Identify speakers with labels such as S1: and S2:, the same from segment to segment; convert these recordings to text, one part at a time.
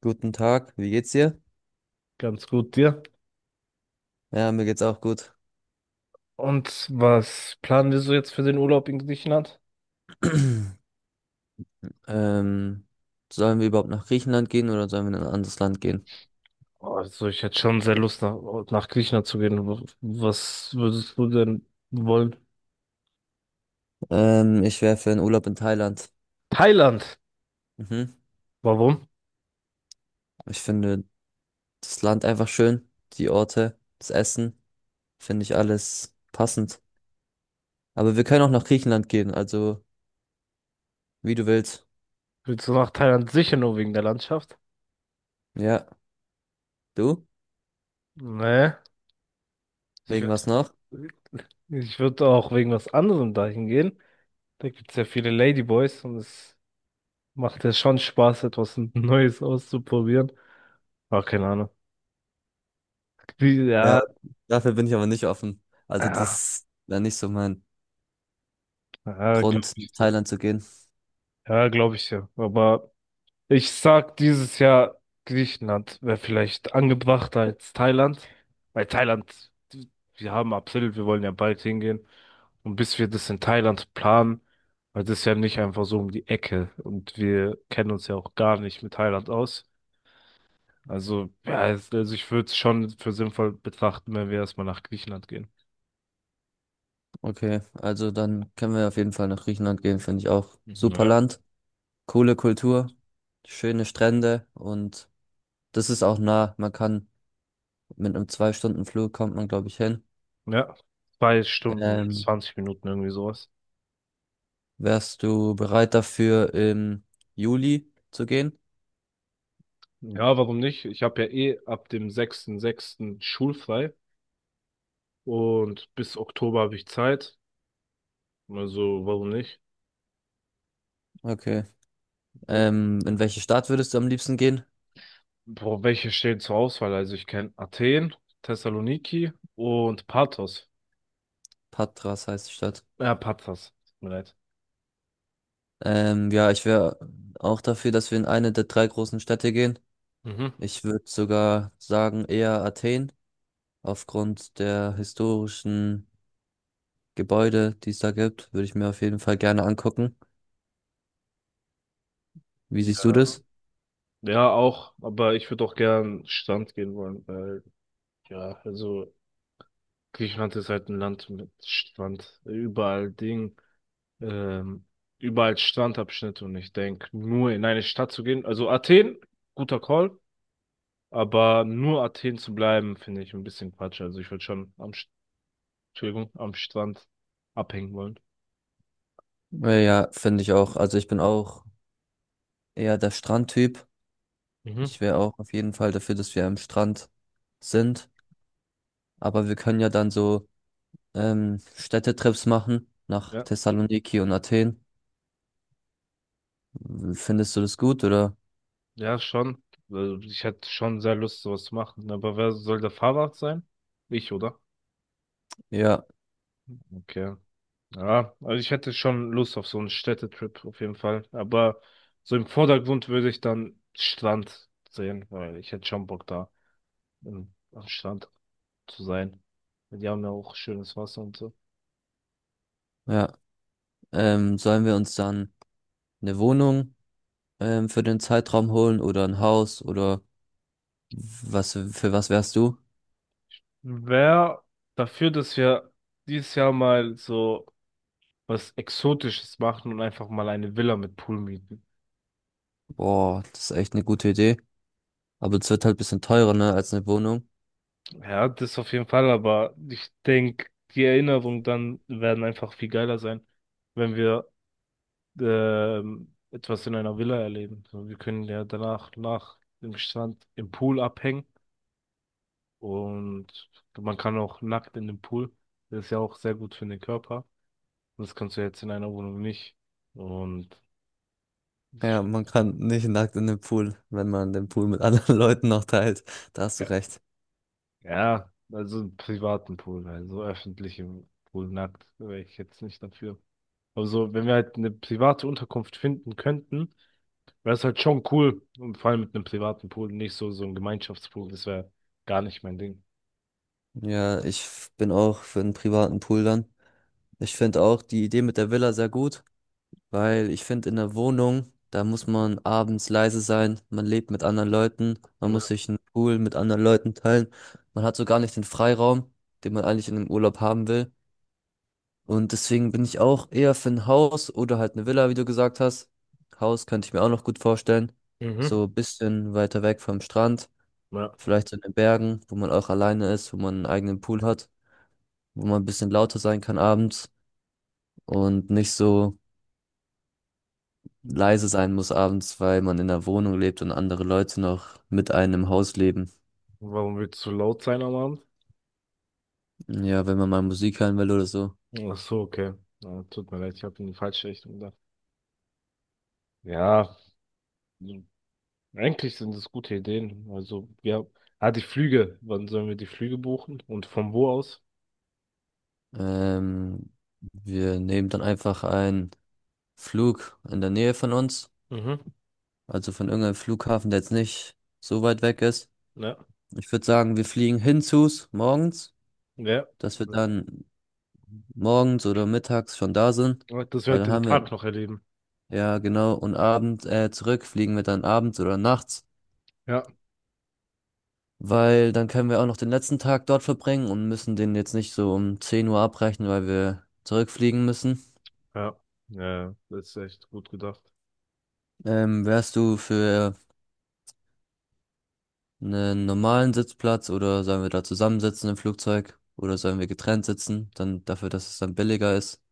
S1: Guten Tag, wie geht's dir?
S2: Ganz gut dir.
S1: Ja, mir geht's auch gut.
S2: Und was planen wir so jetzt für den Urlaub in Griechenland?
S1: Ähm, Sollen wir überhaupt nach Griechenland gehen oder sollen wir in ein anderes Land gehen?
S2: Also ich hätte schon sehr Lust nach Griechenland zu gehen. Was würdest du denn wollen?
S1: Ich wäre für einen Urlaub in Thailand.
S2: Thailand.
S1: Mhm.
S2: Warum?
S1: Ich finde das Land einfach schön, die Orte, das Essen, finde ich alles passend. Aber wir können auch nach Griechenland gehen, also wie du willst.
S2: Willst du nach Thailand sicher nur wegen der Landschaft?
S1: Ja, du?
S2: Nee. Ich
S1: Wegen
S2: würde
S1: was noch?
S2: ich würd auch wegen was anderem dahin gehen. Da gibt es ja viele Ladyboys und es macht ja schon Spaß, etwas Neues auszuprobieren. Ah, keine Ahnung.
S1: Ja,
S2: Ja,
S1: dafür bin ich aber nicht offen. Also
S2: ja,
S1: das wäre nicht so mein
S2: ja, glaube
S1: Grund, nach
S2: ich.
S1: Thailand zu gehen.
S2: Ja, glaube ich ja. Aber ich sag, dieses Jahr Griechenland wäre vielleicht angebrachter als Thailand. Weil Thailand, wir haben April, wir wollen ja bald hingehen. Und bis wir das in Thailand planen, weil das ist ja nicht einfach so um die Ecke. Und wir kennen uns ja auch gar nicht mit Thailand aus. Also, ja, also ich würde es schon für sinnvoll betrachten, wenn wir erstmal nach Griechenland gehen.
S1: Okay, also dann können wir auf jeden Fall nach Griechenland gehen, finde ich auch.
S2: Mhm.
S1: Super
S2: Ja.
S1: Land, coole Kultur, schöne Strände und das ist auch nah. Man kann mit einem Zwei-Stunden-Flug kommt man, glaube ich, hin.
S2: Ja, zwei Stunden und
S1: Ähm,
S2: 20 Minuten irgendwie sowas.
S1: Wärst du bereit dafür, im Juli zu gehen?
S2: Ja, warum nicht? Ich habe ja eh ab dem 6.6. schulfrei und bis Oktober habe ich Zeit. Also, warum nicht?
S1: Okay.
S2: Äh,
S1: In welche Stadt würdest du am liebsten gehen?
S2: Boah, welche stehen zur Auswahl? Also, ich kenne Athen, Thessaloniki und Pathos.
S1: Patras heißt die Stadt.
S2: Ja, Pathos. Tut mir leid.
S1: Ja, ich wäre auch dafür, dass wir in eine der drei großen Städte gehen.
S2: Mhm.
S1: Ich würde sogar sagen, eher Athen. Aufgrund der historischen Gebäude, die es da gibt, würde ich mir auf jeden Fall gerne angucken. Wie siehst du
S2: Ja,
S1: das?
S2: ja, auch, aber ich würde auch gern Strand gehen wollen, weil, ja, also Griechenland ist halt ein Land mit Strand, überall Ding. ähm, Überall Strandabschnitte, und ich denke, nur in eine Stadt zu gehen. Also Athen, guter Call, aber nur Athen zu bleiben, finde ich ein bisschen Quatsch. Also ich würde schon Entschuldigung, am Strand abhängen wollen.
S1: Ja, finde ich auch. Also ich bin auch eher der Strandtyp.
S2: Mhm.
S1: Ich wäre auch auf jeden Fall dafür, dass wir am Strand sind. Aber wir können ja dann so Städtetrips machen nach
S2: Ja,
S1: Thessaloniki und Athen. Findest du das gut oder?
S2: ja, schon. Also ich hätte schon sehr Lust, sowas zu machen. Aber wer soll der Fahrrad sein? Ich, oder?
S1: Ja,
S2: Okay. Ja, also ich hätte schon Lust auf so einen Städtetrip auf jeden Fall. Aber so im Vordergrund würde ich dann Strand sehen, weil ich hätte schon Bock da am Strand zu sein. Die haben ja auch schönes Wasser und so.
S1: ja. Sollen wir uns dann eine Wohnung für den Zeitraum holen oder ein Haus oder was für was wärst du?
S2: Wer dafür, dass wir dieses Jahr mal so was Exotisches machen und einfach mal eine Villa mit Pool mieten?
S1: Boah, das ist echt eine gute Idee. Aber es wird halt ein bisschen teurer, ne, als eine Wohnung.
S2: Ja, das auf jeden Fall, aber ich denke, die Erinnerungen dann werden einfach viel geiler sein, wenn wir etwas in einer Villa erleben. So, wir können ja danach nach dem Strand im Pool abhängen, und man kann auch nackt in den Pool. Das ist ja auch sehr gut für den Körper. Das kannst du jetzt in einer Wohnung nicht. Und ich,
S1: Ja, man kann nicht nackt in den Pool, wenn man den Pool mit anderen Leuten noch teilt. Da hast du
S2: ja,
S1: recht.
S2: ja, also einen privaten Pool, also öffentlichen Pool nackt wäre ich jetzt nicht dafür. Aber so, wenn wir halt eine private Unterkunft finden könnten, wäre es halt schon cool. Und vor allem mit einem privaten Pool, nicht so, so ein Gemeinschaftspool, das wäre gar nicht mein Ding.
S1: Ja, bin auch für einen privaten Pool dann. Ich finde auch die Idee mit der Villa sehr gut, weil ich finde, in der Wohnung, da muss man abends leise sein, man lebt mit anderen Leuten, man muss
S2: Ja.
S1: sich einen Pool mit anderen Leuten teilen. Man hat so gar nicht den Freiraum, den man eigentlich in einem Urlaub haben will. Und deswegen bin ich auch eher für ein Haus oder halt eine Villa, wie du gesagt hast. Haus könnte ich mir auch noch gut vorstellen.
S2: Mhm.
S1: So ein bisschen weiter weg vom Strand,
S2: Ja.
S1: vielleicht so in den Bergen, wo man auch alleine ist, wo man einen eigenen Pool hat, wo man ein bisschen lauter sein kann abends und nicht so leise sein muss abends, weil man in einer Wohnung lebt und andere Leute noch mit einem im Haus leben.
S2: Warum willst du laut sein am Abend?
S1: Ja, wenn man mal Musik hören will oder so.
S2: Ach so, okay. Ja, tut mir leid, ich habe in die falsche Richtung gedacht. Ja, eigentlich sind es gute Ideen. Also, ja, ah, die Flüge. Wann sollen wir die Flüge buchen? Und von wo aus?
S1: Ähm, Wir nehmen dann einfach einen Flug in der Nähe von uns.
S2: Mhm.
S1: Also von irgendeinem Flughafen, der jetzt nicht so weit weg ist.
S2: Ja,
S1: Ich würde sagen, wir fliegen hinzus morgens,
S2: ja.
S1: dass wir dann morgens oder mittags schon da sind.
S2: Ja, dass wir
S1: Weil
S2: halt
S1: dann
S2: den
S1: haben wir,
S2: Tag noch erleben.
S1: ja genau, und abends zurück fliegen wir dann abends oder nachts.
S2: Ja,
S1: Weil dann können wir auch noch den letzten Tag dort verbringen und müssen den jetzt nicht so um 10 Uhr abbrechen, weil wir zurückfliegen müssen.
S2: ja, ja, das ist echt gut gedacht.
S1: Wärst du für einen normalen Sitzplatz oder sollen wir da zusammensitzen im Flugzeug oder sollen wir getrennt sitzen, dann dafür, dass es dann billiger ist?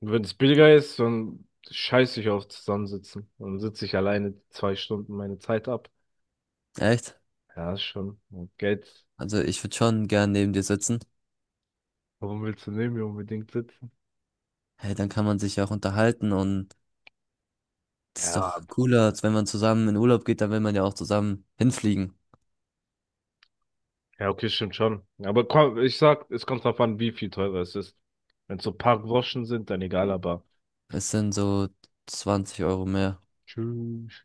S2: Und wenn es billiger ist, dann scheiß ich auf Zusammensitzen. Dann sitze ich alleine 2 Stunden meine Zeit ab.
S1: Echt?
S2: Ja, ist schon. Und Geld,
S1: Also ich würde schon gern neben dir sitzen.
S2: warum willst du neben mir unbedingt sitzen?
S1: Hey, dann kann man sich ja auch unterhalten und das ist
S2: Ja,
S1: doch cooler, als wenn man zusammen in Urlaub geht, dann will man ja auch zusammen hinfliegen.
S2: ja, okay, stimmt schon. Aber komm, ich sag, es kommt drauf an, wie viel teurer es ist. Wenn es so ein paar Groschen sind, dann egal, aber
S1: Es sind so 20 Euro mehr.
S2: Tschüss.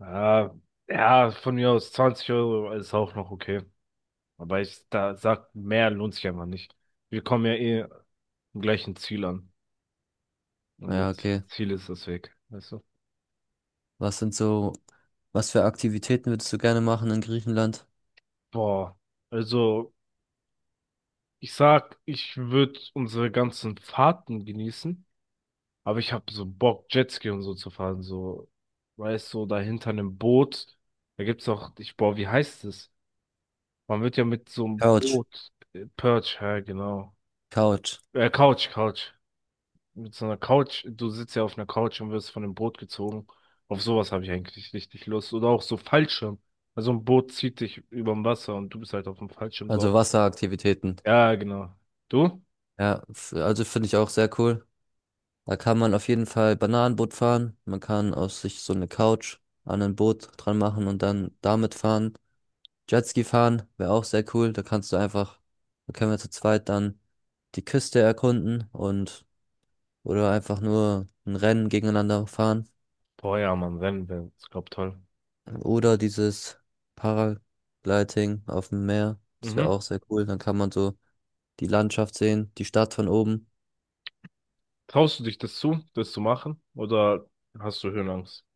S2: Ah, ja, von mir aus 20 € ist auch noch okay. Aber ich da sag, mehr lohnt sich einfach nicht. Wir kommen ja eh am gleichen Ziel an. Und
S1: Ja,
S2: das
S1: okay.
S2: Ziel ist das Weg, weißt du?
S1: Was sind so, was für Aktivitäten würdest du gerne machen in Griechenland?
S2: Boah, also ich sag, ich würde unsere ganzen Fahrten genießen. Aber ich habe so Bock, Jetski und so zu fahren. So, weißt du, so da hinter einem Boot. Da gibt's auch, ich, boah, wie heißt es? Man wird ja mit so einem
S1: Couch,
S2: Boot, Perch, ja, genau.
S1: Couch.
S2: Couch, Couch. Mit so einer Couch, du sitzt ja auf einer Couch und wirst von dem Boot gezogen. Auf sowas habe ich eigentlich richtig Lust. Oder auch so Fallschirm. Also ein Boot zieht dich überm Wasser und du bist halt auf dem Fallschirm drauf.
S1: Also Wasseraktivitäten.
S2: Ja, genau. Du?
S1: Ja, also finde ich auch sehr cool. Da kann man auf jeden Fall Bananenboot fahren. Man kann aus sich so eine Couch an ein Boot dran machen und dann damit fahren. Jetski fahren wäre auch sehr cool. Da kannst du einfach, da können wir zu zweit dann die Küste erkunden und oder einfach nur ein Rennen gegeneinander fahren.
S2: Boah, ja, Mann, wenn. Ich glaub, toll.
S1: Oder dieses Paragliding auf dem Meer. Das wäre
S2: Mhm.
S1: auch sehr cool. Dann kann man so die Landschaft sehen, die Stadt von oben.
S2: Traust du dich das zu machen? Oder hast du Höhenangst?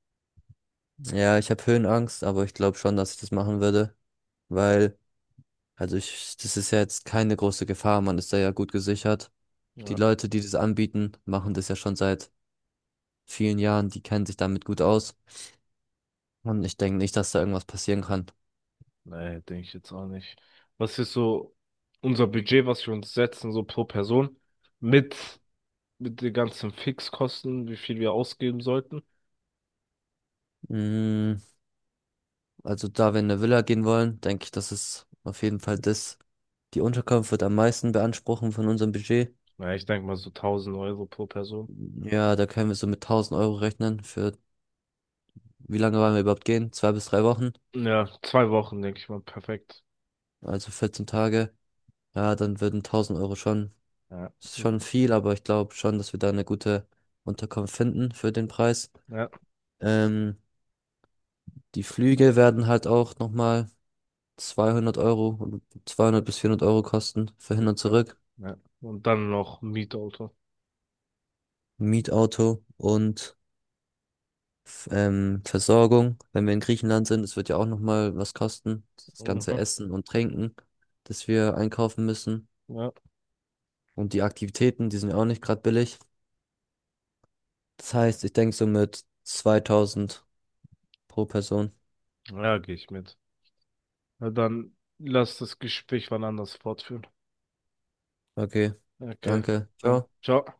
S1: Ja, ich habe Höhenangst, aber ich glaube schon, dass ich das machen würde, weil, also ich, das ist ja jetzt keine große Gefahr. Man ist da ja gut gesichert. Die
S2: Ja.
S1: Leute, die das anbieten, machen das ja schon seit vielen Jahren. Die kennen sich damit gut aus. Und ich denke nicht, dass da irgendwas passieren kann.
S2: Nee, denke ich jetzt auch nicht. Was ist so unser Budget, was wir uns setzen, so pro Person? Mit, mit den ganzen Fixkosten, wie viel wir ausgeben sollten?
S1: Mm, also da wir in eine Villa gehen wollen, denke ich, dass es auf jeden Fall das. Die Unterkunft wird am meisten beanspruchen von unserem Budget.
S2: Na, ich denke mal so 1000 € pro Person.
S1: Ja, da können wir so mit 1000 Euro rechnen für, wie lange wollen wir überhaupt gehen? Zwei bis drei Wochen,
S2: Ja, 2 Wochen, denke ich mal, perfekt.
S1: also 14 Tage. Ja, dann würden 1000 Euro schon,
S2: Ja.
S1: ist schon viel, aber ich glaube schon, dass wir da eine gute Unterkunft finden für den Preis.
S2: Ja.
S1: Ähm, Die Flüge werden halt auch nochmal 200 Euro, 200 bis 400 Euro kosten für hin und
S2: Ja.
S1: zurück.
S2: Ja. Und dann noch Mietauto.
S1: Mietauto und Versorgung. Wenn wir in Griechenland sind, es wird ja auch nochmal was kosten. Das ganze
S2: Mhm.
S1: Essen und Trinken, das wir einkaufen müssen.
S2: Ja.
S1: Und die Aktivitäten, die sind ja auch nicht gerade billig. Das heißt, ich denke so mit 2000 pro Person.
S2: Ja, gehe ich mit. Na dann lass das Gespräch wann anders fortführen.
S1: Okay,
S2: Okay,
S1: danke.
S2: dann
S1: Ciao.
S2: ciao.